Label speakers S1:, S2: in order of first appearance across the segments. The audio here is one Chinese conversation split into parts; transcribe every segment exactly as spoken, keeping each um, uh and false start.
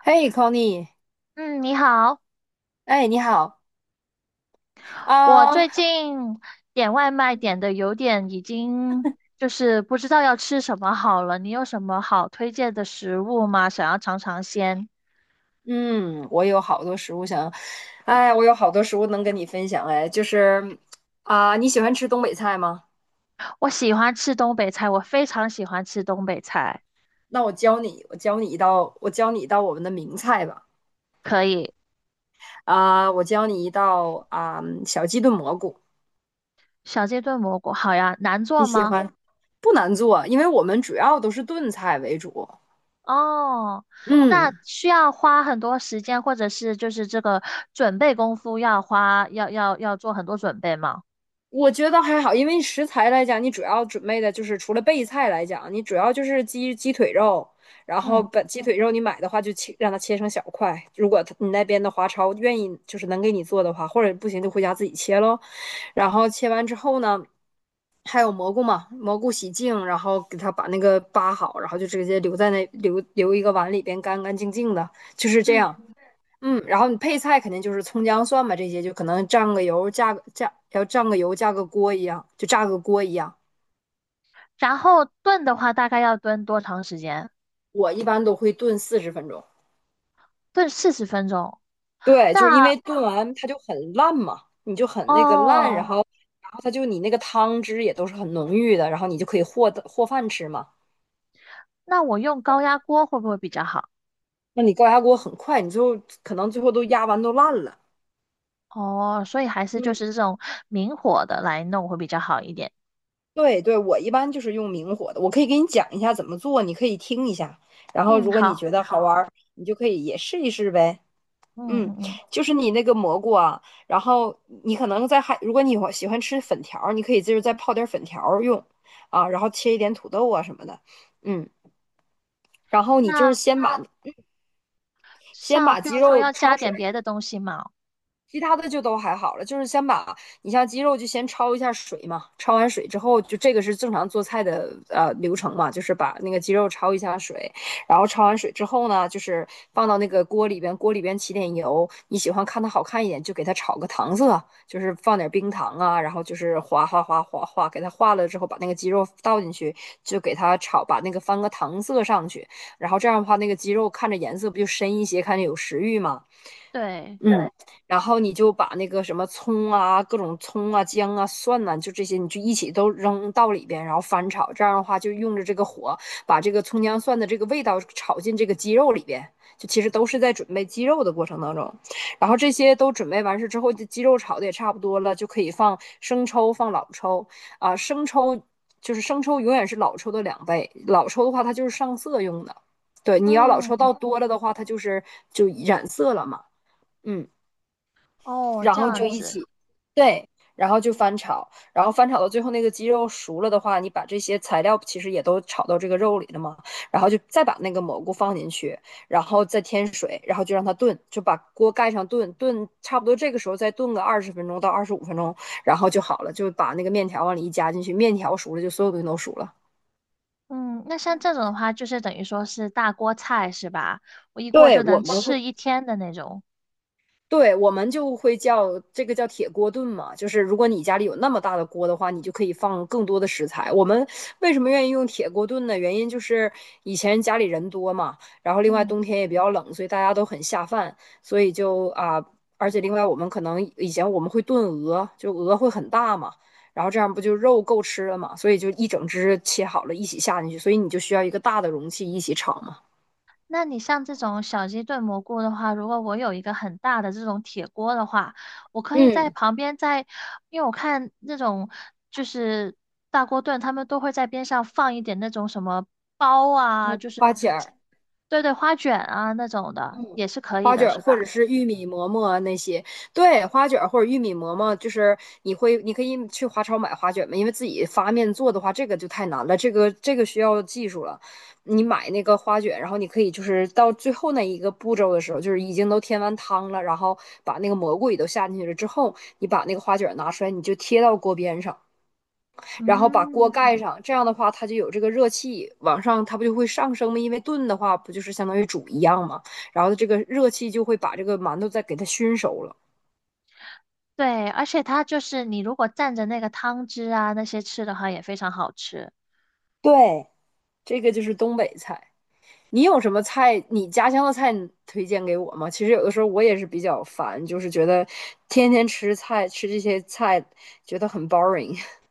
S1: 嘿，Connie，
S2: 嗯，你好。
S1: 哎，你好
S2: 我最
S1: 啊。
S2: 近点外卖点
S1: 嗯
S2: 的有点已经就是不知道要吃什么好了。你有什么好推荐的食物吗？想要尝尝鲜。
S1: 嗯，我有好多食物想，哎，我有好多食物能跟你分享，哎，就是啊，你喜欢吃东北菜吗？
S2: 我喜欢吃东北菜，我非常喜欢吃东北菜。
S1: 那我教你，我教你一道，我教你一道我们的名菜吧，
S2: 可以。
S1: 啊，我教你一道啊，小鸡炖蘑菇，
S2: 小鸡炖蘑菇，好呀，难
S1: 你
S2: 做
S1: 喜
S2: 吗？
S1: 欢？不难做，因为我们主要都是炖菜为主，
S2: 哦，那
S1: 嗯。
S2: 需要花很多时间，或者是就是这个准备功夫要花，要要要做很多准备吗？
S1: 我觉得还好，因为食材来讲，你主要准备的就是除了备菜来讲，你主要就是鸡鸡腿肉，然后
S2: 嗯。
S1: 把鸡腿肉你买的话就切，让它切成小块。如果他你那边的华超愿意就是能给你做的话，或者不行就回家自己切咯。然后切完之后呢，还有蘑菇嘛，蘑菇洗净，然后给它把那个扒好，然后就直接留在那留留一个碗里边干干净净的，就是这
S2: 嗯，
S1: 样。嗯，然后你配菜肯定就是葱姜蒜嘛，这些就可能蘸个油，加个加，要蘸个油，加个锅一样，就炸个锅一样。
S2: 然后炖的话大概要炖多长时间？
S1: 我一般都会炖四十分钟，
S2: 炖四十分钟。
S1: 对，就是因
S2: 那
S1: 为炖完它就很烂嘛，你就很那个烂，然
S2: 哦，
S1: 后然后它就你那个汤汁也都是很浓郁的，然后你就可以和的和饭吃嘛。
S2: 那我用高压锅会不会比较好？
S1: 那你高压锅很快，你最后可能最后都压完都烂了。
S2: 哦，所以还是就
S1: 嗯，
S2: 是这种明火的来弄会比较好一点。
S1: 对对，我一般就是用明火的，我可以给你讲一下怎么做，你可以听一下，然后
S2: 嗯，
S1: 如果你
S2: 好。
S1: 觉得好玩儿，你就可以也试一试呗。
S2: 嗯
S1: 嗯，
S2: 嗯嗯。
S1: 就是你那个蘑菇啊，然后你可能在还，如果你喜欢吃粉条儿，你可以就是再泡点儿粉条儿用啊，然后切一点土豆啊什么的，嗯，然后你就是
S2: 那
S1: 先把先
S2: 像
S1: 把
S2: 譬
S1: 鸡
S2: 如说
S1: 肉
S2: 要加
S1: 焯
S2: 点
S1: 水。
S2: 别的东西嘛？
S1: 其他的就都还好了，就是先把，你像鸡肉就先焯一下水嘛，焯完水之后，就这个是正常做菜的呃流程嘛，就是把那个鸡肉焯一下水，然后焯完水之后呢，就是放到那个锅里边，锅里边起点油，你喜欢看它好看一点，就给它炒个糖色，就是放点冰糖啊，然后就是哗哗哗哗哗，给它化了之后，把那个鸡肉倒进去，就给它炒，把那个翻个糖色上去，然后这样的话，那个鸡肉看着颜色不就深一些，看着有食欲嘛。
S2: 对。
S1: 嗯，然后你就把那个什么葱啊、各种葱啊、姜啊、蒜呐、就这些，你就一起都扔到里边，然后翻炒。这样的话，就用着这个火，把这个葱姜蒜的这个味道炒进这个鸡肉里边。就其实都是在准备鸡肉的过程当中，然后这些都准备完事之后，这鸡肉炒的也差不多了，就可以放生抽、放老抽啊。生抽就是生抽，永远是老抽的两倍。老抽的话，它就是上色用的。对，你要老抽
S2: 嗯。
S1: 倒多了的话，它就是就染色了嘛。嗯。
S2: 哦，
S1: 然
S2: 这
S1: 后
S2: 样
S1: 就一起，
S2: 子。
S1: 对，然后就翻炒，然后翻炒到最后那个鸡肉熟了的话，你把这些材料其实也都炒到这个肉里了嘛，然后就再把那个蘑菇放进去，然后再添水，然后就让它炖，就把锅盖上炖，炖差不多这个时候再炖个二十分钟到二十五分钟，然后就好了，就把那个面条往里一加进去，面条熟了就所有东西都熟了。
S2: 嗯。那像这种的话，就是等于说是大锅菜是吧？我一锅
S1: 对，
S2: 就
S1: 我
S2: 能
S1: 们会，
S2: 吃一天的那种。
S1: 对，我们就会叫这个叫铁锅炖嘛，就是如果你家里有那么大的锅的话，你就可以放更多的食材。我们为什么愿意用铁锅炖呢？原因就是以前家里人多嘛，然后另外
S2: 嗯。
S1: 冬天也比较冷，所以大家都很下饭，所以就啊，而且另外我们可能以前我们会炖鹅，就鹅会很大嘛，然后这样不就肉够吃了嘛，所以就一整只切好了一起下进去，所以你就需要一个大的容器一起炒嘛。
S2: 那你像这种小鸡炖蘑菇的话，如果我有一个很大的这种铁锅的话，我可以在
S1: 嗯，
S2: 旁边在，因为我看那种就是大锅炖，他们都会在边上放一点那种什么包啊，就是
S1: 花钱儿。
S2: 对对花卷啊那种的，也是可以
S1: 花
S2: 的，
S1: 卷儿
S2: 是吧？
S1: 或者是玉米馍馍啊那些，对，花卷儿或者玉米馍馍，就是你会，你可以去华超买花卷嘛，因为自己发面做的话，这个就太难了，这个这个需要技术了。你买那个花卷，然后你可以就是到最后那一个步骤的时候，就是已经都添完汤了，然后把那个蘑菇也都下进去了之后，你把那个花卷儿拿出来，你就贴到锅边上。然后把锅
S2: 嗯，
S1: 盖上，这样的话它就有这个热气往上，它不就会上升吗？因为炖的话不就是相当于煮一样吗？然后这个热气就会把这个馒头再给它熏熟了。
S2: 对，而且它就是你如果蘸着那个汤汁啊那些吃的话，也非常好吃。
S1: 对，这个就是东北菜。你有什么菜？你家乡的菜你推荐给我吗？其实有的时候我也是比较烦，就是觉得天天吃菜，吃这些菜觉得很 boring。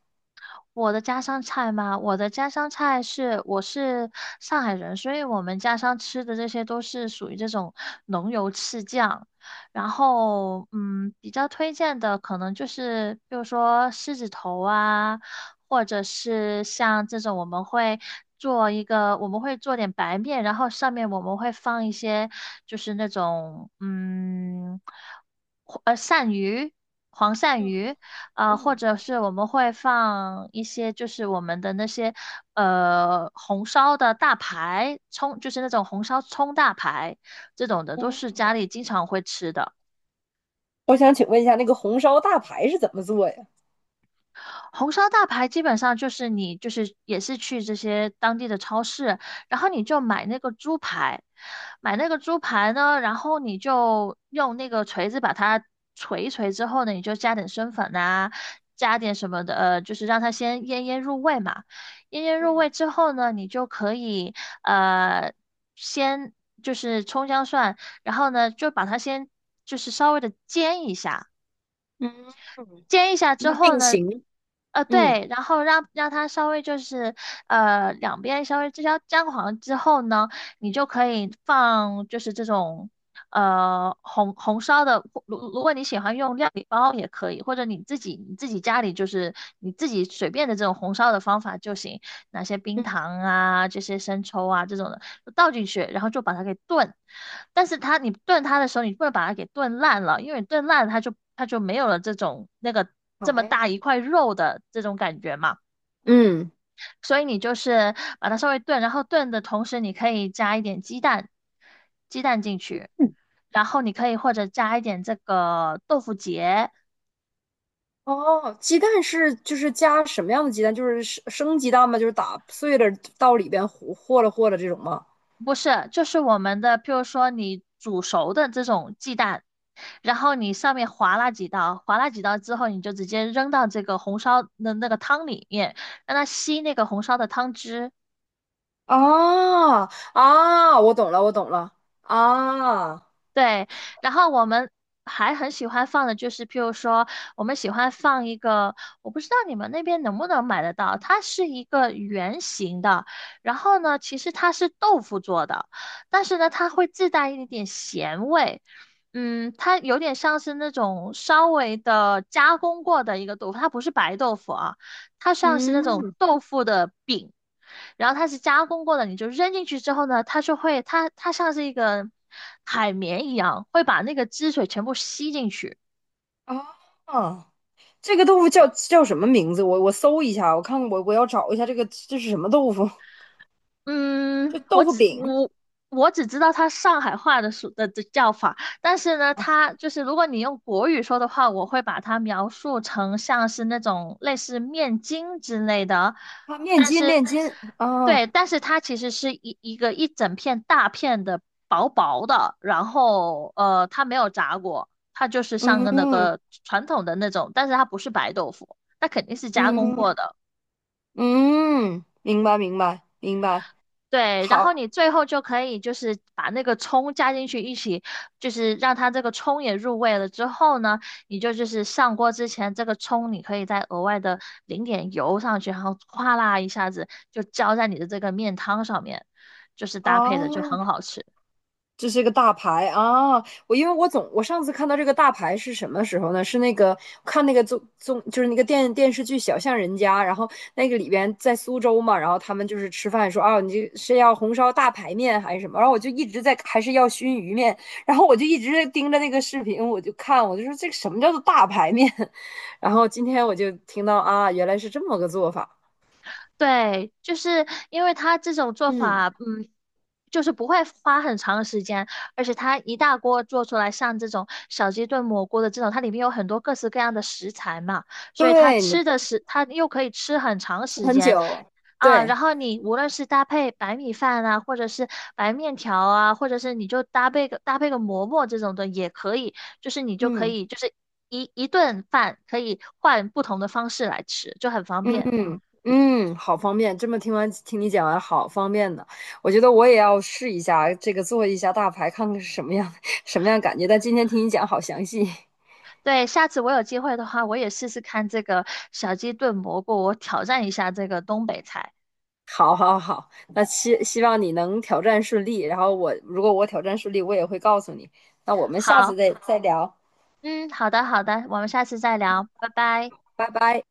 S2: 我的家乡菜吗？我的家乡菜是，我是上海人，所以我们家乡吃的这些都是属于这种浓油赤酱。然后，嗯，比较推荐的可能就是，比如说狮子头啊，或者是像这种我们会做一个，我们会做点白面，然后上面我们会放一些就是那种，嗯，呃，鳝鱼，黄鳝鱼。啊，或者是我们会放一些就是我们的那些呃红烧的大排，葱，就是那种红烧葱大排这种的，都是家里经常会吃的。
S1: 我想请问一下，那个红烧大排是怎么做呀？
S2: 红烧大排基本上就是你就是也是去这些当地的超市，然后你就买那个猪排，买那个猪排呢，然后你就用那个锤子把它锤一锤之后呢，你就加点生粉呐、加点什么的，呃，就是让它先腌腌入味嘛。腌腌入
S1: 嗯
S2: 味之后呢，你就可以呃先就是葱姜蒜，然后呢就把它先就是稍微的煎一下。
S1: 嗯嗯，
S2: 煎一下之
S1: 那
S2: 后
S1: 定
S2: 呢，
S1: 型，
S2: 呃，
S1: 嗯，
S2: 对，然后让让它稍微就是呃两边稍微至少沾黄之后呢，你就可以放就是这种呃红红烧的，如如果你喜欢用料理包也可以，或者你自己你自己家里就是你自己随便的这种红烧的方法就行。哪些冰
S1: 嗯，
S2: 糖啊，这些生抽啊这种的倒进去，然后就把它给炖。但是它你炖它的时候，你不能把它给炖烂了，因为你炖烂了它就它就没有了这种那个这么
S1: 排，
S2: 大一块肉的这种感觉嘛。
S1: 嗯，
S2: 所以你就是把它稍微炖，然后炖的同时，你可以加一点鸡蛋，鸡蛋进去，
S1: 嗯，
S2: 然后你可以或者加一点这个豆腐结。
S1: 哦，鸡蛋是就是加什么样的鸡蛋？就是生生鸡蛋吗？就是打碎了到里边和和了和了这种吗？
S2: 不是，就是我们的，譬如说你煮熟的这种鸡蛋，然后你上面划拉几刀，划拉几刀之后，你就直接扔到这个红烧的那个汤里面，让它吸那个红烧的汤汁，
S1: 啊，啊，我懂了，我懂了，啊，
S2: 对。然后我们还很喜欢放的就是，譬如说，我们喜欢放一个，我不知道你们那边能不能买得到，它是一个圆形的，然后呢，其实它是豆腐做的，但是呢，它会自带一点咸味。嗯，它有点像是那种稍微的加工过的一个豆腐，它不是白豆腐啊，它像是那种
S1: 嗯，
S2: 豆腐的饼。然后它是加工过的，你就扔进去之后呢，它就会，它它像是一个海绵一样，会把那个汁水全部吸进去。
S1: 啊，这个豆腐叫叫什么名字？我我搜一下，我看我我要找一下这个这是什么豆腐？这
S2: 嗯，我
S1: 豆腐
S2: 只
S1: 饼
S2: 我我只知道它上海话的说的的叫法，但是呢，它就是如果你用国语说的话，我会把它描述成像是那种类似面筋之类的，
S1: 啊，面筋面筋啊，
S2: 对。但是它其实是一一个一整片大片的薄薄的，然后呃，它没有炸过，它就是像
S1: 嗯
S2: 个那
S1: 嗯
S2: 个传统的那种，但是它不是白豆腐，它肯定是加工
S1: 嗯，
S2: 过的。
S1: 嗯，明白明白明白，
S2: 对，然
S1: 好
S2: 后你最后就可以就是把那个葱加进去一起，就是让它这个葱也入味了之后呢，你就就是上锅之前，这个葱你可以再额外的淋点油上去，然后哗啦一下子就浇在你的这个面汤上面，就是搭配
S1: 啊，
S2: 的就
S1: 哦，
S2: 很好吃。
S1: 这是一个大牌啊！我因为我总我上次看到这个大牌是什么时候呢？是那个看那个综综就是那个电电视剧《小巷人家》，然后那个里边在苏州嘛，然后他们就是吃饭说啊，你这是要红烧大排面还是什么？然后我就一直在还是要熏鱼面，然后我就一直盯着那个视频，我就看，我就说这个什么叫做大排面？然后今天我就听到啊，原来是这么个做法。
S2: 对，就是因为他这种做
S1: 嗯，
S2: 法，嗯，就是不会花很长的时间，而且它一大锅做出来，像这种小鸡炖蘑菇的这种，它里面有很多各式各样的食材嘛，所以它
S1: 对，
S2: 吃
S1: 你
S2: 的是，它又可以吃很长时
S1: 很
S2: 间
S1: 久，
S2: 啊。
S1: 对，
S2: 然后你无论是搭配白米饭啊，或者是白面条啊，或者是你就搭配个搭配个馍馍这种的也可以，就是你就可
S1: 嗯。
S2: 以就是一一顿饭可以换不同的方式来吃，就很方便。
S1: 嗯嗯，好方便。这么听完听你讲完，好方便的。我觉得我也要试一下这个做一下大牌，看看是什么样 什么样感觉。但今天听你讲好详细，
S2: 对，下次我有机会的话，我也试试看这个小鸡炖蘑菇，我挑战一下这个东北菜。
S1: 好好好。那希希望你能挑战顺利。然后我如果我挑战顺利，我也会告诉你。那我们下次
S2: 好，
S1: 再再聊，
S2: 嗯，好的，好的，我们下次再聊，拜拜。
S1: 拜拜。